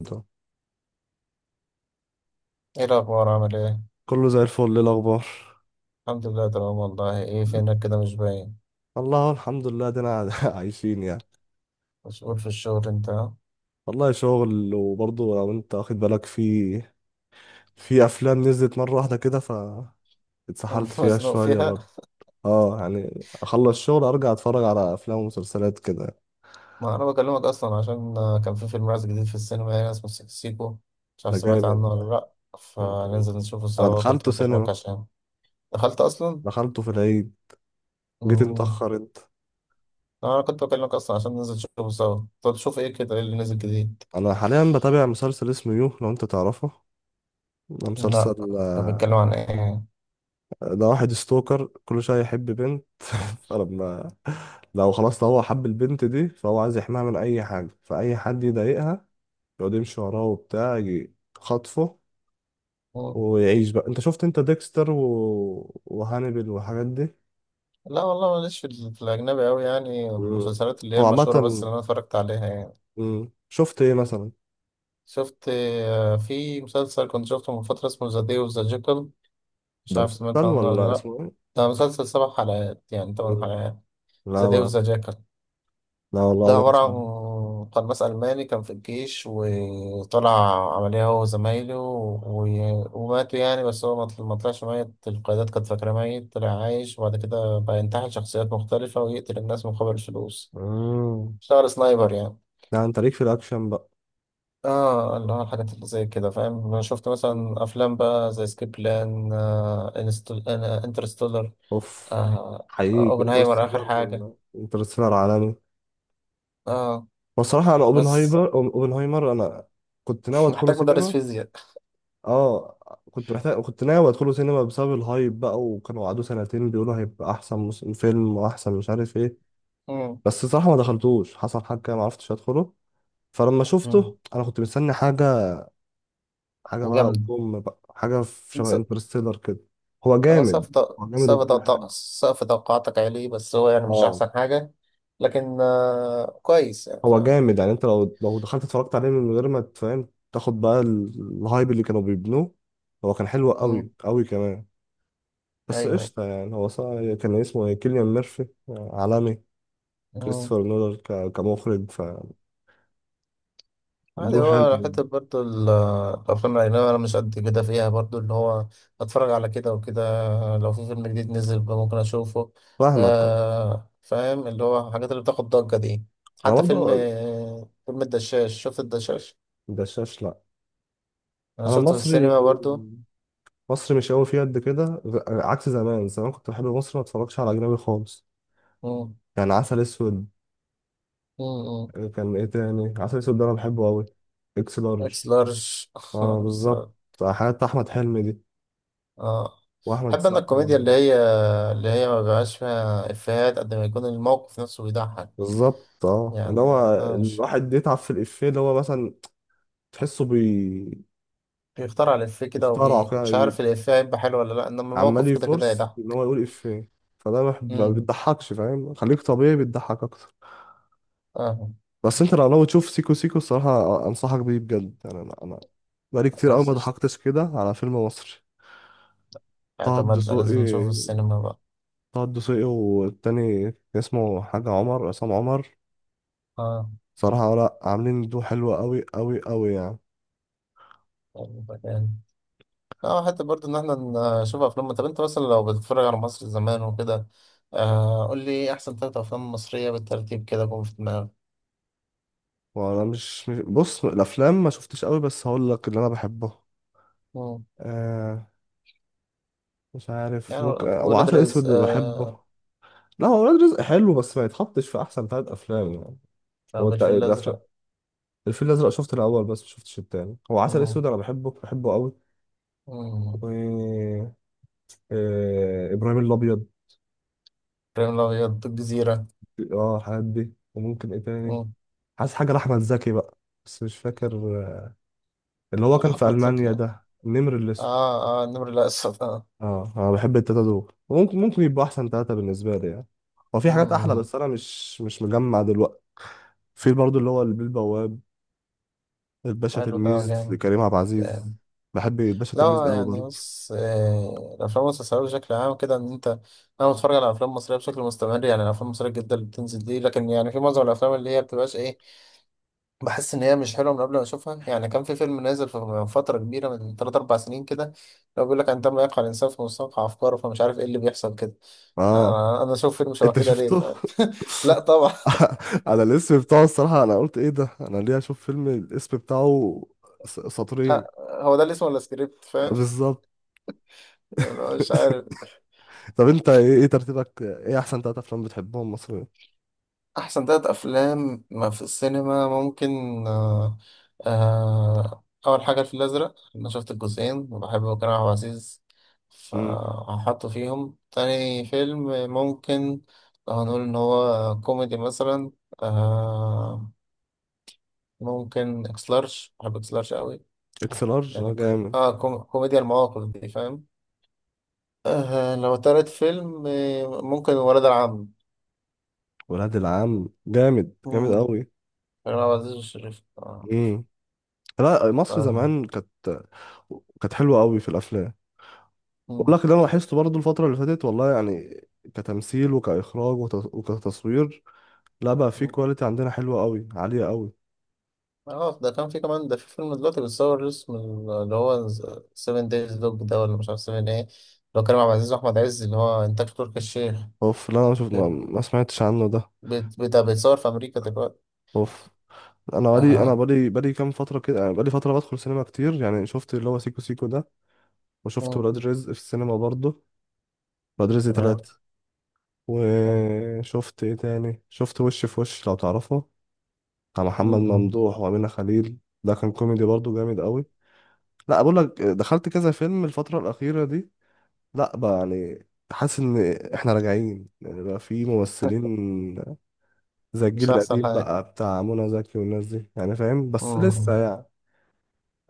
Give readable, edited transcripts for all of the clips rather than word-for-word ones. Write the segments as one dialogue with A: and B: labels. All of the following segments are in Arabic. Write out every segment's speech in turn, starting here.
A: ده.
B: ايه الأخبار، عامل ايه؟
A: كله زي الفل. إيه الاخبار؟
B: الحمد لله، تمام والله. ايه فينك كده، مش باين؟
A: الله الحمد لله دينا عايشين يعني.
B: مسؤول في الشغل انت، ها؟
A: والله شغل، وبرضه لو انت واخد بالك في في افلام نزلت مره واحده كده، ف اتسحلت فيها
B: مزنوق
A: شويه
B: فيها.
A: برضه. اه يعني اخلص شغل ارجع اتفرج على افلام ومسلسلات كده.
B: ما انا بكلمك اصلا عشان كان في فيلم نازل جديد في السينما هنا، اسمه سيكو سيكو. مش
A: ده
B: عارف سمعت
A: جامد
B: عنه ولا
A: ده.
B: لأ. فننزل نشوفه
A: انا
B: سوا، كنت
A: دخلته
B: بكلمك
A: سينما.
B: عشان... دخلت اصلا؟
A: دخلته في العيد. جيت
B: مم.
A: متاخر انت.
B: انا كنت بكلمك اصلا عشان ننزل نشوفه سوا. طب تشوف ايه كده، ايه اللي نزل جديد؟
A: انا حاليا بتابع مسلسل اسمه يو، لو انت تعرفه. ده
B: لا.
A: مسلسل
B: طب بيتكلم عن ايه؟
A: ده واحد ستوكر، كل شوية يحب بنت. فلما لو هو حب البنت دي، فهو عايز يحميها من أي حاجة، فأي حد يضايقها يقعد يمشي وراه وبتاع، يجي خطفه
B: مم.
A: ويعيش بقى. انت شفت انت ديكستر و... وهانيبال والحاجات دي؟
B: لا، والله ماليش في في الأجنبي أوي، يعني
A: مم.
B: المسلسلات اللي هي
A: هو
B: المشهورة بس
A: عامة
B: اللي أنا اتفرجت عليها يعني.
A: مم. شفت ايه مثلا؟
B: شفت في مسلسل كنت شفته من فترة اسمه ذا داي اوف ذا جيكل. مش
A: ده
B: عارف
A: مسلسل
B: سمعت
A: مسلسل
B: عنه
A: ولا
B: ولا لأ.
A: اسمه ايه؟
B: ده مسلسل 7 حلقات يعني
A: مم.
B: 8 حلقات. ذا
A: لا
B: داي اوف
A: ما.
B: ذا جيكل.
A: لا
B: ده
A: والله ما
B: عبارة
A: اسمه.
B: عن قناص ألماني كان في الجيش وطلع عملية هو وزمايله وماتوا، يعني بس هو ما طلعش ميت، القيادات كانت فاكرة ميت، طلع عايش. وبعد كده بقى ينتحل شخصيات مختلفة ويقتل الناس مقابل الفلوس.
A: مم.
B: اشتغل سنايبر يعني.
A: لا، انت ليك في الأكشن بقى.
B: اه، اللي هو الحاجات اللي زي كده فاهم. انا شفت مثلا افلام بقى زي سكيب بلان، آه إنستل... آه انترستولر،
A: اوف. حقيقي
B: اوبنهايمر اخر
A: انترستيلر.
B: حاجه.
A: انترستيلر عالمي.
B: اه.
A: والصراحة انا
B: بس.
A: اوبنهايمر، اوبنهايمر انا كنت ناوي ادخله
B: محتاج مدرس
A: سينما.
B: فيزياء.
A: اه كنت محتاج، كنت ناوي ادخله سينما بسبب الهايب بقى، وكانوا قعدوا سنتين بيقولوا هيبقى احسن فيلم واحسن مش عارف ايه.
B: مم.
A: بس الصراحة ما دخلتوش، حصل حاجة كده ما عرفتش ادخله. فلما
B: مم.
A: شفته انا كنت مستني حاجة، حاجة بقى
B: جامد.
A: بقى حاجة في شبه
B: س-
A: انترستيلر كده. هو
B: آه،
A: جامد.
B: سقف ط-
A: هو جامد
B: سقف
A: وكل حاجة،
B: ط- سقف توقعاتك عالي، بس هو يعني مش
A: اه.
B: احسن حاجه. لكن كويس يعني
A: هو
B: فاهم.
A: جامد يعني انت لو دخلت اتفرجت عليه من غير ما تفهم تاخد بقى الهايب اللي كانوا بيبنوه. هو كان حلو قوي
B: مم.
A: قوي كمان. بس
B: ايوه.
A: قشطة يعني. هو صار كان اسمه ايه؟ كيليان ميرفي عالمي.
B: ايوه.
A: كريستوفر نولان كمخرج.
B: عادي،
A: فدو
B: هو
A: حلو.
B: حتة برضو الأفلام الأجنبية أنا مش قد كده فيها برضو، اللي هو أتفرج على كده وكده. لو في فيلم جديد نزل بقى ممكن أشوفه.
A: فاهمك.
B: آه، فاهم اللي هو الحاجات اللي بتاخد ضجة دي.
A: انا
B: حتى فيلم
A: برضه.
B: فيلم الدشاش، شفت الدشاش؟
A: دشاش لا.
B: أنا
A: انا
B: شفته في
A: مصري.
B: السينما برضو.
A: مصري مش قوي فيه قد كده، عكس زمان. زمان كنت بحب مصر، ما اتفرجش على اجنبي خالص.
B: مم،
A: يعني عسل اسود.
B: مم، مم.
A: كان ايه تاني؟ عسل اسود ده انا بحبه قوي. اكس لارج.
B: إكس لارج.
A: اه
B: بس-
A: بالظبط. حياة احمد حلمي دي.
B: آه
A: واحمد
B: بحب أنا
A: سقا برضه.
B: الكوميديا اللي هي اللي هي ما بيبقاش فيها إفيهات قد ما يكون الموقف نفسه بيضحك.
A: بالظبط، اه، اللي
B: يعني،
A: هو
B: مش
A: الواحد بيتعب في الافيه، اللي هو مثلا تحسه
B: بيخترع الإفيه كده
A: بيخترعه كده
B: مش عارف الإفيه هيبقى حلو ولا لأ، إنما
A: عمال
B: الموقف كده كده
A: يفرص ان هو
B: هيضحك.
A: يقول افيه، فده ما
B: أمم.
A: بتضحكش، فاهم؟ خليك طبيعي بتضحك اكتر.
B: آه.
A: بس انت لو لو تشوف سيكو سيكو، الصراحة انصحك بيه بجد يعني. انا بقالي كتير قوي ما
B: خلاص قشطة،
A: ضحكتش كده على فيلم مصري. طه
B: اعتمدنا لازم نشوفه
A: الدسوقي.
B: السينما بقى.
A: طه الدسوقي والتاني اسمه حاجة عمر، عصام عمر.
B: آه،
A: صراحة ولا، عاملين دو حلوة قوي قوي قوي يعني.
B: يبقى جامد. اه، حتى برضه إن احنا نشوف أفلام. طب أنت مثلا لو بتتفرج على مصر زمان وكده، آه قول لي إيه أحسن 3 أفلام مصرية بالترتيب كده جم في دماغك؟
A: وانا بص، الافلام ما شفتش قوي، بس هقول لك اللي انا بحبه.
B: أمم.
A: آه مش عارف،
B: يعني
A: ممكن
B: ولاد
A: وعسل
B: رزق،
A: اسود اللي بحبه.
B: آه.
A: لا، هو ولاد رزق حلو بس ما يتحطش في احسن ثلاث افلام يعني. هو
B: رغم الفيل الأزرق.
A: الفيل الازرق شفت الاول بس ما شفتش التاني. هو عسل
B: أمم.
A: اسود انا بحبه، بحبه قوي.
B: أمم.
A: و ابراهيم الابيض.
B: إبراهيم الأبيض، الجزيرة.
A: اه الحاجات دي. وممكن ايه تاني؟
B: أمم.
A: حاسس حاجة لاحمد زكي بقى بس مش فاكر. آه، اللي هو
B: آه،
A: كان في
B: أحمد زكي،
A: المانيا،
B: آه.
A: ده النمر الاسود.
B: آه، النمر الأسود، آه.
A: اه انا بحب التلاتة دول. ممكن ممكن يبقوا احسن تلاتة بالنسبة لي يعني. هو في حاجات احلى
B: امم.
A: بس انا مش مجمع دلوقتي. في برضو اللي هو البيه البواب. الباشا
B: حلو، ده
A: تلميذ
B: جامد.
A: لكريم عبد العزيز.
B: جامد.
A: بحب الباشا تلميذ
B: لا
A: قوي
B: يعني
A: برضو.
B: بص، آه، الافلام والمسلسلات بشكل عام كده ان انت... انا بتفرج على افلام مصريه بشكل مستمر، يعني الافلام المصريه الجديده اللي بتنزل دي، لكن يعني في معظم الافلام اللي هي بتبقاش ايه، بحس ان هي مش حلوه من قبل ما اشوفها يعني. كان في فيلم نازل من فتره كبيره، من 3 4 سنين كده، لو بيقول لك عندما يقع الانسان في مستنقع افكاره، فمش عارف ايه اللي بيحصل كده.
A: اه،
B: انا اشوف فيلم شبه
A: انت
B: كده ليه ف...
A: شفته؟
B: لا طبعا.
A: انا الاسم بتاعه، الصراحة انا قلت ايه ده، انا ليه اشوف فيلم الاسم بتاعه سطرين؟
B: آه، هو ده اللي اسمه ولا سكريبت فاهم.
A: بالظبط.
B: مش عارف.
A: طب إيه ترتيبك، ايه احسن تلاتة افلام بتحبهم مصريين؟
B: احسن 3 افلام ما في السينما ممكن... آه. آه، اول حاجه الفيل الازرق، انا شفت الجزئين وبحب كريم عبد العزيز
A: امم.
B: فهحطه فيهم. تاني فيلم ممكن، لو هنقول ان هو كوميدي مثلا، آه، ممكن اكس لارج، بحب اكس لارج قوي،
A: اكس لارج اه
B: يعني
A: جامد.
B: كوميديا المواقف دي فاهم. آه، لو تالت فيلم، آه، ممكن ولاد العم.
A: ولاد العم جامد، جامد
B: مم. كريم عبد العزيز والشريف، اه.
A: قوي. لا مصر
B: ولاد العم.
A: زمان كانت، كانت حلوة قوي في الأفلام. بقول لك اللي أنا لاحظته برضو الفترة اللي فاتت، والله يعني كتمثيل وكإخراج وت- وكتصوير، لا بقى، في
B: مم.
A: كواليتي عندنا حلوة قوي، عالية قوي.
B: اه، ده كان في كمان، ده في فيلم دلوقتي بيتصور اسمه اللي هو 7 دايز دوج، ده، ولا مش عارف 7 ايه، اللي هو كريم عبد العزيز واحمد عز، اللي هو انتاج تركي الشيخ.
A: اوف، لا أنا شوف ما,
B: بيت-
A: ما سمعتش عنه ده.
B: بيتصور في امريكا دلوقتي.
A: اوف. أنا بقالي، أنا
B: اه.
A: بقالي بقالي كام فترة كده يعني. بقالي فترة بدخل سينما كتير يعني. شفت اللي هو سيكو سيكو ده، وشفت
B: تمام.
A: ولاد رزق في السينما برضو. ولاد رزق
B: تمام.
A: تلاتة. وشفت ايه تاني؟ شفت وش في وش، لو تعرفه، بتاع
B: م-
A: محمد
B: م.
A: ممدوح وأمينة خليل. ده كان كوميدي برضو جامد قوي. لا بقول لك دخلت كذا فيلم الفترة الأخيرة دي. لا بقى يعني، حاسس إن إحنا راجعين يعني. بقى في ممثلين زي الجيل
B: مش احسن
A: القديم
B: حاجه.
A: بقى، بتاع منى زكي والناس دي يعني، فاهم،
B: م-
A: بس لسه
B: م.
A: يعني.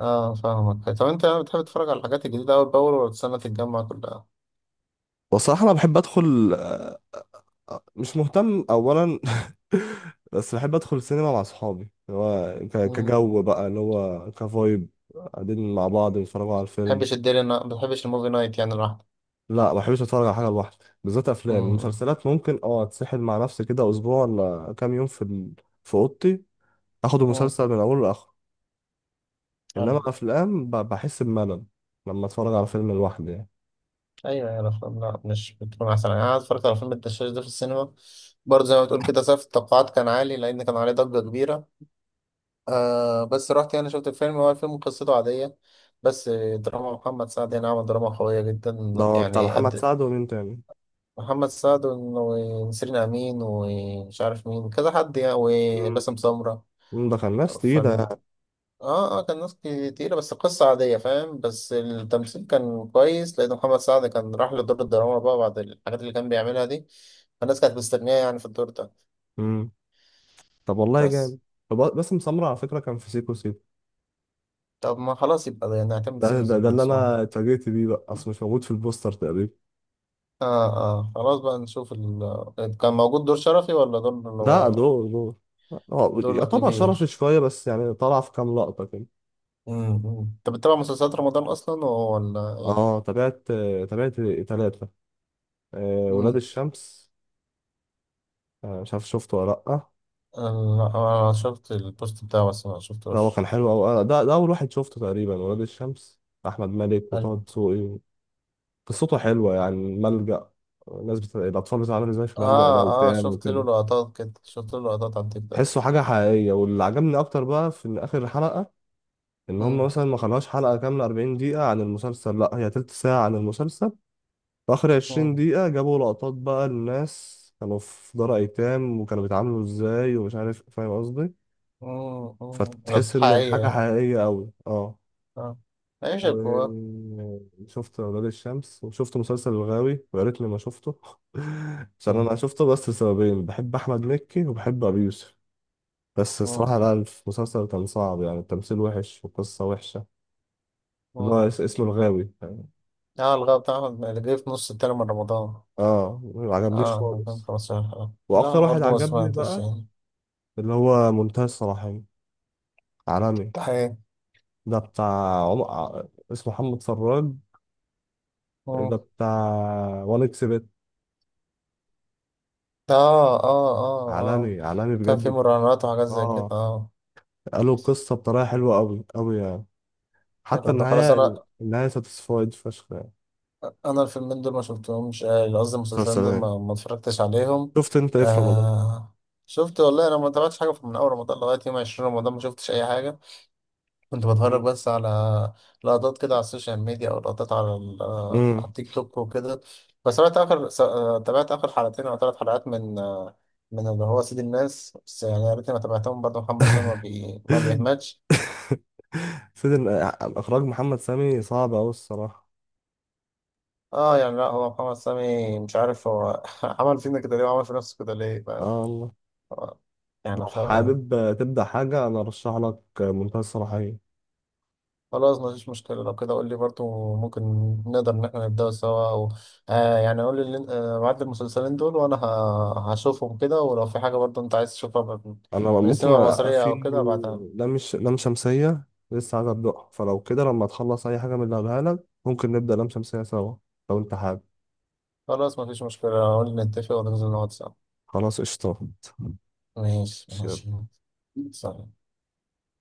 B: اه فاهمك. طب انت بتحب تتفرج على الحاجات الجديده اول باول ولا تستنى تتجمع كلها؟
A: بصراحة أنا بحب أدخل، مش مهتم أولا. بس بحب أدخل سينما مع صحابي، اللي هو
B: ما
A: كجو بقى، اللي هو كفايب، قاعدين مع بعض بنتفرجوا على الفيلم.
B: بتحبش الديلي، ما بتحبش الموفي نايت يعني لوحدك.
A: لا ما بحبش اتفرج على حاجه لوحدي. بالذات افلام.
B: م-
A: المسلسلات ممكن اه، اتسحل مع نفسي كده اسبوع ولا كام يوم في اوضتي، اخد
B: م.
A: المسلسل من اوله لاخره.
B: حلو.
A: انما افلام بحس بملل لما اتفرج على فيلم لوحدي يعني.
B: ايوه، يعني الافلام لا مش بتكون احسن يعني. انا اتفرجت على فيلم الدشاش ده في السينما، برضه زي ما بتقول كده سقف التوقعات كان عالي لان كان عليه ضجه كبيره. آه، بس رحت يعني شفت الفيلم، هو الفيلم قصته عاديه بس. دراما محمد سعد يعني عمل دراما قويه جدا،
A: ده بتاع
B: يعني
A: محمد
B: قد...
A: سعد ومين تاني؟
B: محمد سعد ونسرين امين ومش عارف مين، كذا حد يعني،
A: مم.
B: وباسم سمره.
A: مم، ده كان ناس تقيله يعني.
B: اه، اه، كان ناس كتيرة بس قصة عادية فاهم، بس التمثيل كان كويس لأن محمد سعد كان راح لدور الدراما بقى بعد الحاجات اللي كان بيعملها دي، فالناس كانت مستنياه يعني في الدور ده.
A: مم. طب والله
B: بس.
A: جامد. طب باسم سمرة على فكره كان في سيكو سيكو.
B: طب ما خلاص يبقى ده يعني، نعتمد
A: ده
B: سيكو
A: ده, ده
B: سيكو
A: اللي
B: مسمار.
A: انا اتفاجئت بيه بقى، اصل مش موجود في البوستر تقريبا.
B: اه، اه، خلاص بقى نشوف ال... آه، كان موجود دور شرفي ولا دور اللي
A: ده
B: هو
A: دور، دور هو
B: دور
A: يعتبر شرفي
B: كبير؟
A: شويه، بس يعني طلع في كام لقطه كده.
B: امم. انت بتتابع مسلسلات رمضان أصلا ولا ايه؟
A: اه، تابعت، تابعت ثلاثة. ولاد
B: امم.
A: الشمس، مش عارف شفته ولا لأ.
B: انا شفت البوست بتاعه بس ما
A: ده هو
B: شفتوش.
A: كان حلو أوي، ده أول واحد شفته تقريبا، ولاد الشمس. أحمد مالك وطه دسوقي. قصته حلوة يعني، ملجأ، الناس الأطفال بتتعامل إزاي في ملجأ ده
B: اه، اه،
A: وبتاع
B: شفت له
A: وكده.
B: لقطات كده، شفت له لقطات على التيك توك.
A: تحسه حاجة حقيقية. واللي عجبني أكتر بقى في إن آخر حلقة، إن هم
B: مم،
A: مثلا ما خلوهاش حلقة كاملة 40 دقيقة عن المسلسل، لأ، هي تلت ساعة عن المسلسل. في آخر عشرين
B: مم،
A: دقيقة جابوا لقطات بقى الناس كانوا في دار أيتام وكانوا بيتعاملوا إزاي، ومش عارف، فاهم قصدي؟
B: مم، مم. لقطات
A: فتحس إن
B: حقيقية
A: الحاجة
B: يعني.
A: حقيقية أوي، أه.
B: اه. عيش الكوار.
A: وشفت أولاد الشمس، وشفت مسلسل الغاوي ويا ريتني ما شفته. عشان
B: مم،
A: أنا شفته بس لسببين، بحب أحمد مكي وبحب أبي يوسف. بس
B: مم،
A: الصراحة لا، المسلسل كان صعب يعني، التمثيل وحش والقصة وحشة. اللي هو
B: مم.
A: اسمه الغاوي.
B: اه، الغاء بتاع احمد اللي جه في نص التاني من رمضان.
A: اه ما عجبنيش
B: اه،
A: خالص.
B: 2015 حلقة. لا،
A: وأكتر
B: أنا
A: واحد
B: برضه ما
A: عجبني
B: سمعتش
A: بقى
B: يعني.
A: اللي هو منتهى الصلاحية. عالمي.
B: ده حقيقي.
A: ده بتاع عم... ع- اسمه محمد فراج. ده
B: مم.
A: بتاع وان اكس بت.
B: اه، اه، اه، اه،
A: عالمي، عالمي
B: كان في
A: بجد.
B: مراهنات وحاجات زي كده،
A: اه
B: اه.
A: قالوا القصة بطريقة حلوة أوي أوي يعني. حتى
B: حلو، ده خلاص.
A: النهاية،
B: انا
A: النهاية ساتيسفايد فشخ يعني.
B: انا الفيلمين دول ما شفتهمش، آه، قصدي
A: مسلسل
B: المسلسلين دول
A: إيه؟
B: ما اتفرجتش عليهم.
A: شفت أنت إيه في رمضان؟
B: آه، شفت والله انا ما تابعتش حاجه من اول رمضان لغايه يوم 20 رمضان، ما شفتش اي حاجه، كنت بتفرج
A: مم.
B: بس على لقطات كده على السوشيال ميديا، او لقطات على ال- آه، على
A: مم.
B: التيك توك وكده. بس تابعت اخر حلقتين او 3 حلقات من اللي هو سيد الناس، بس يعني يا ريتني ما تابعتهم، برضه محمد سامي ما بيهملش.
A: سيدي. إخراج محمد سامي صعب أوي الصراحة.
B: اه يعني، لا، هو محمد سامي مش عارف هو عمل فينا كده ليه وعمل في نفسه كده ليه؟
A: آه والله.
B: آه. يعني
A: لو حابب تبدأ حاجة أنا أرشح لك منتهى الصلاحية.
B: خلاص مفيش مشكلة لو كده، قول لي برضو ممكن نقدر إن احنا نبدأ سوا، أو آه يعني قول لي بعد المسلسلين دول وأنا هشوفهم كده، ولو في حاجة برضو أنت عايز تشوفها من
A: انا
B: من
A: ممكن
B: السينما المصرية
A: في
B: أو كده بعدها.
A: لام لام شمسيه لسه عايز ابدأها، فلو كده لما تخلص اي حاجه من اللي هقولها لك ممكن نبدا لام شمسيه سوا لو انت حابب.
B: خلاص مفيش مشكلة، قول لي نتفق وننزل نقعد سوا.
A: خلاص قشطه.
B: ماشي ماشي. سلام.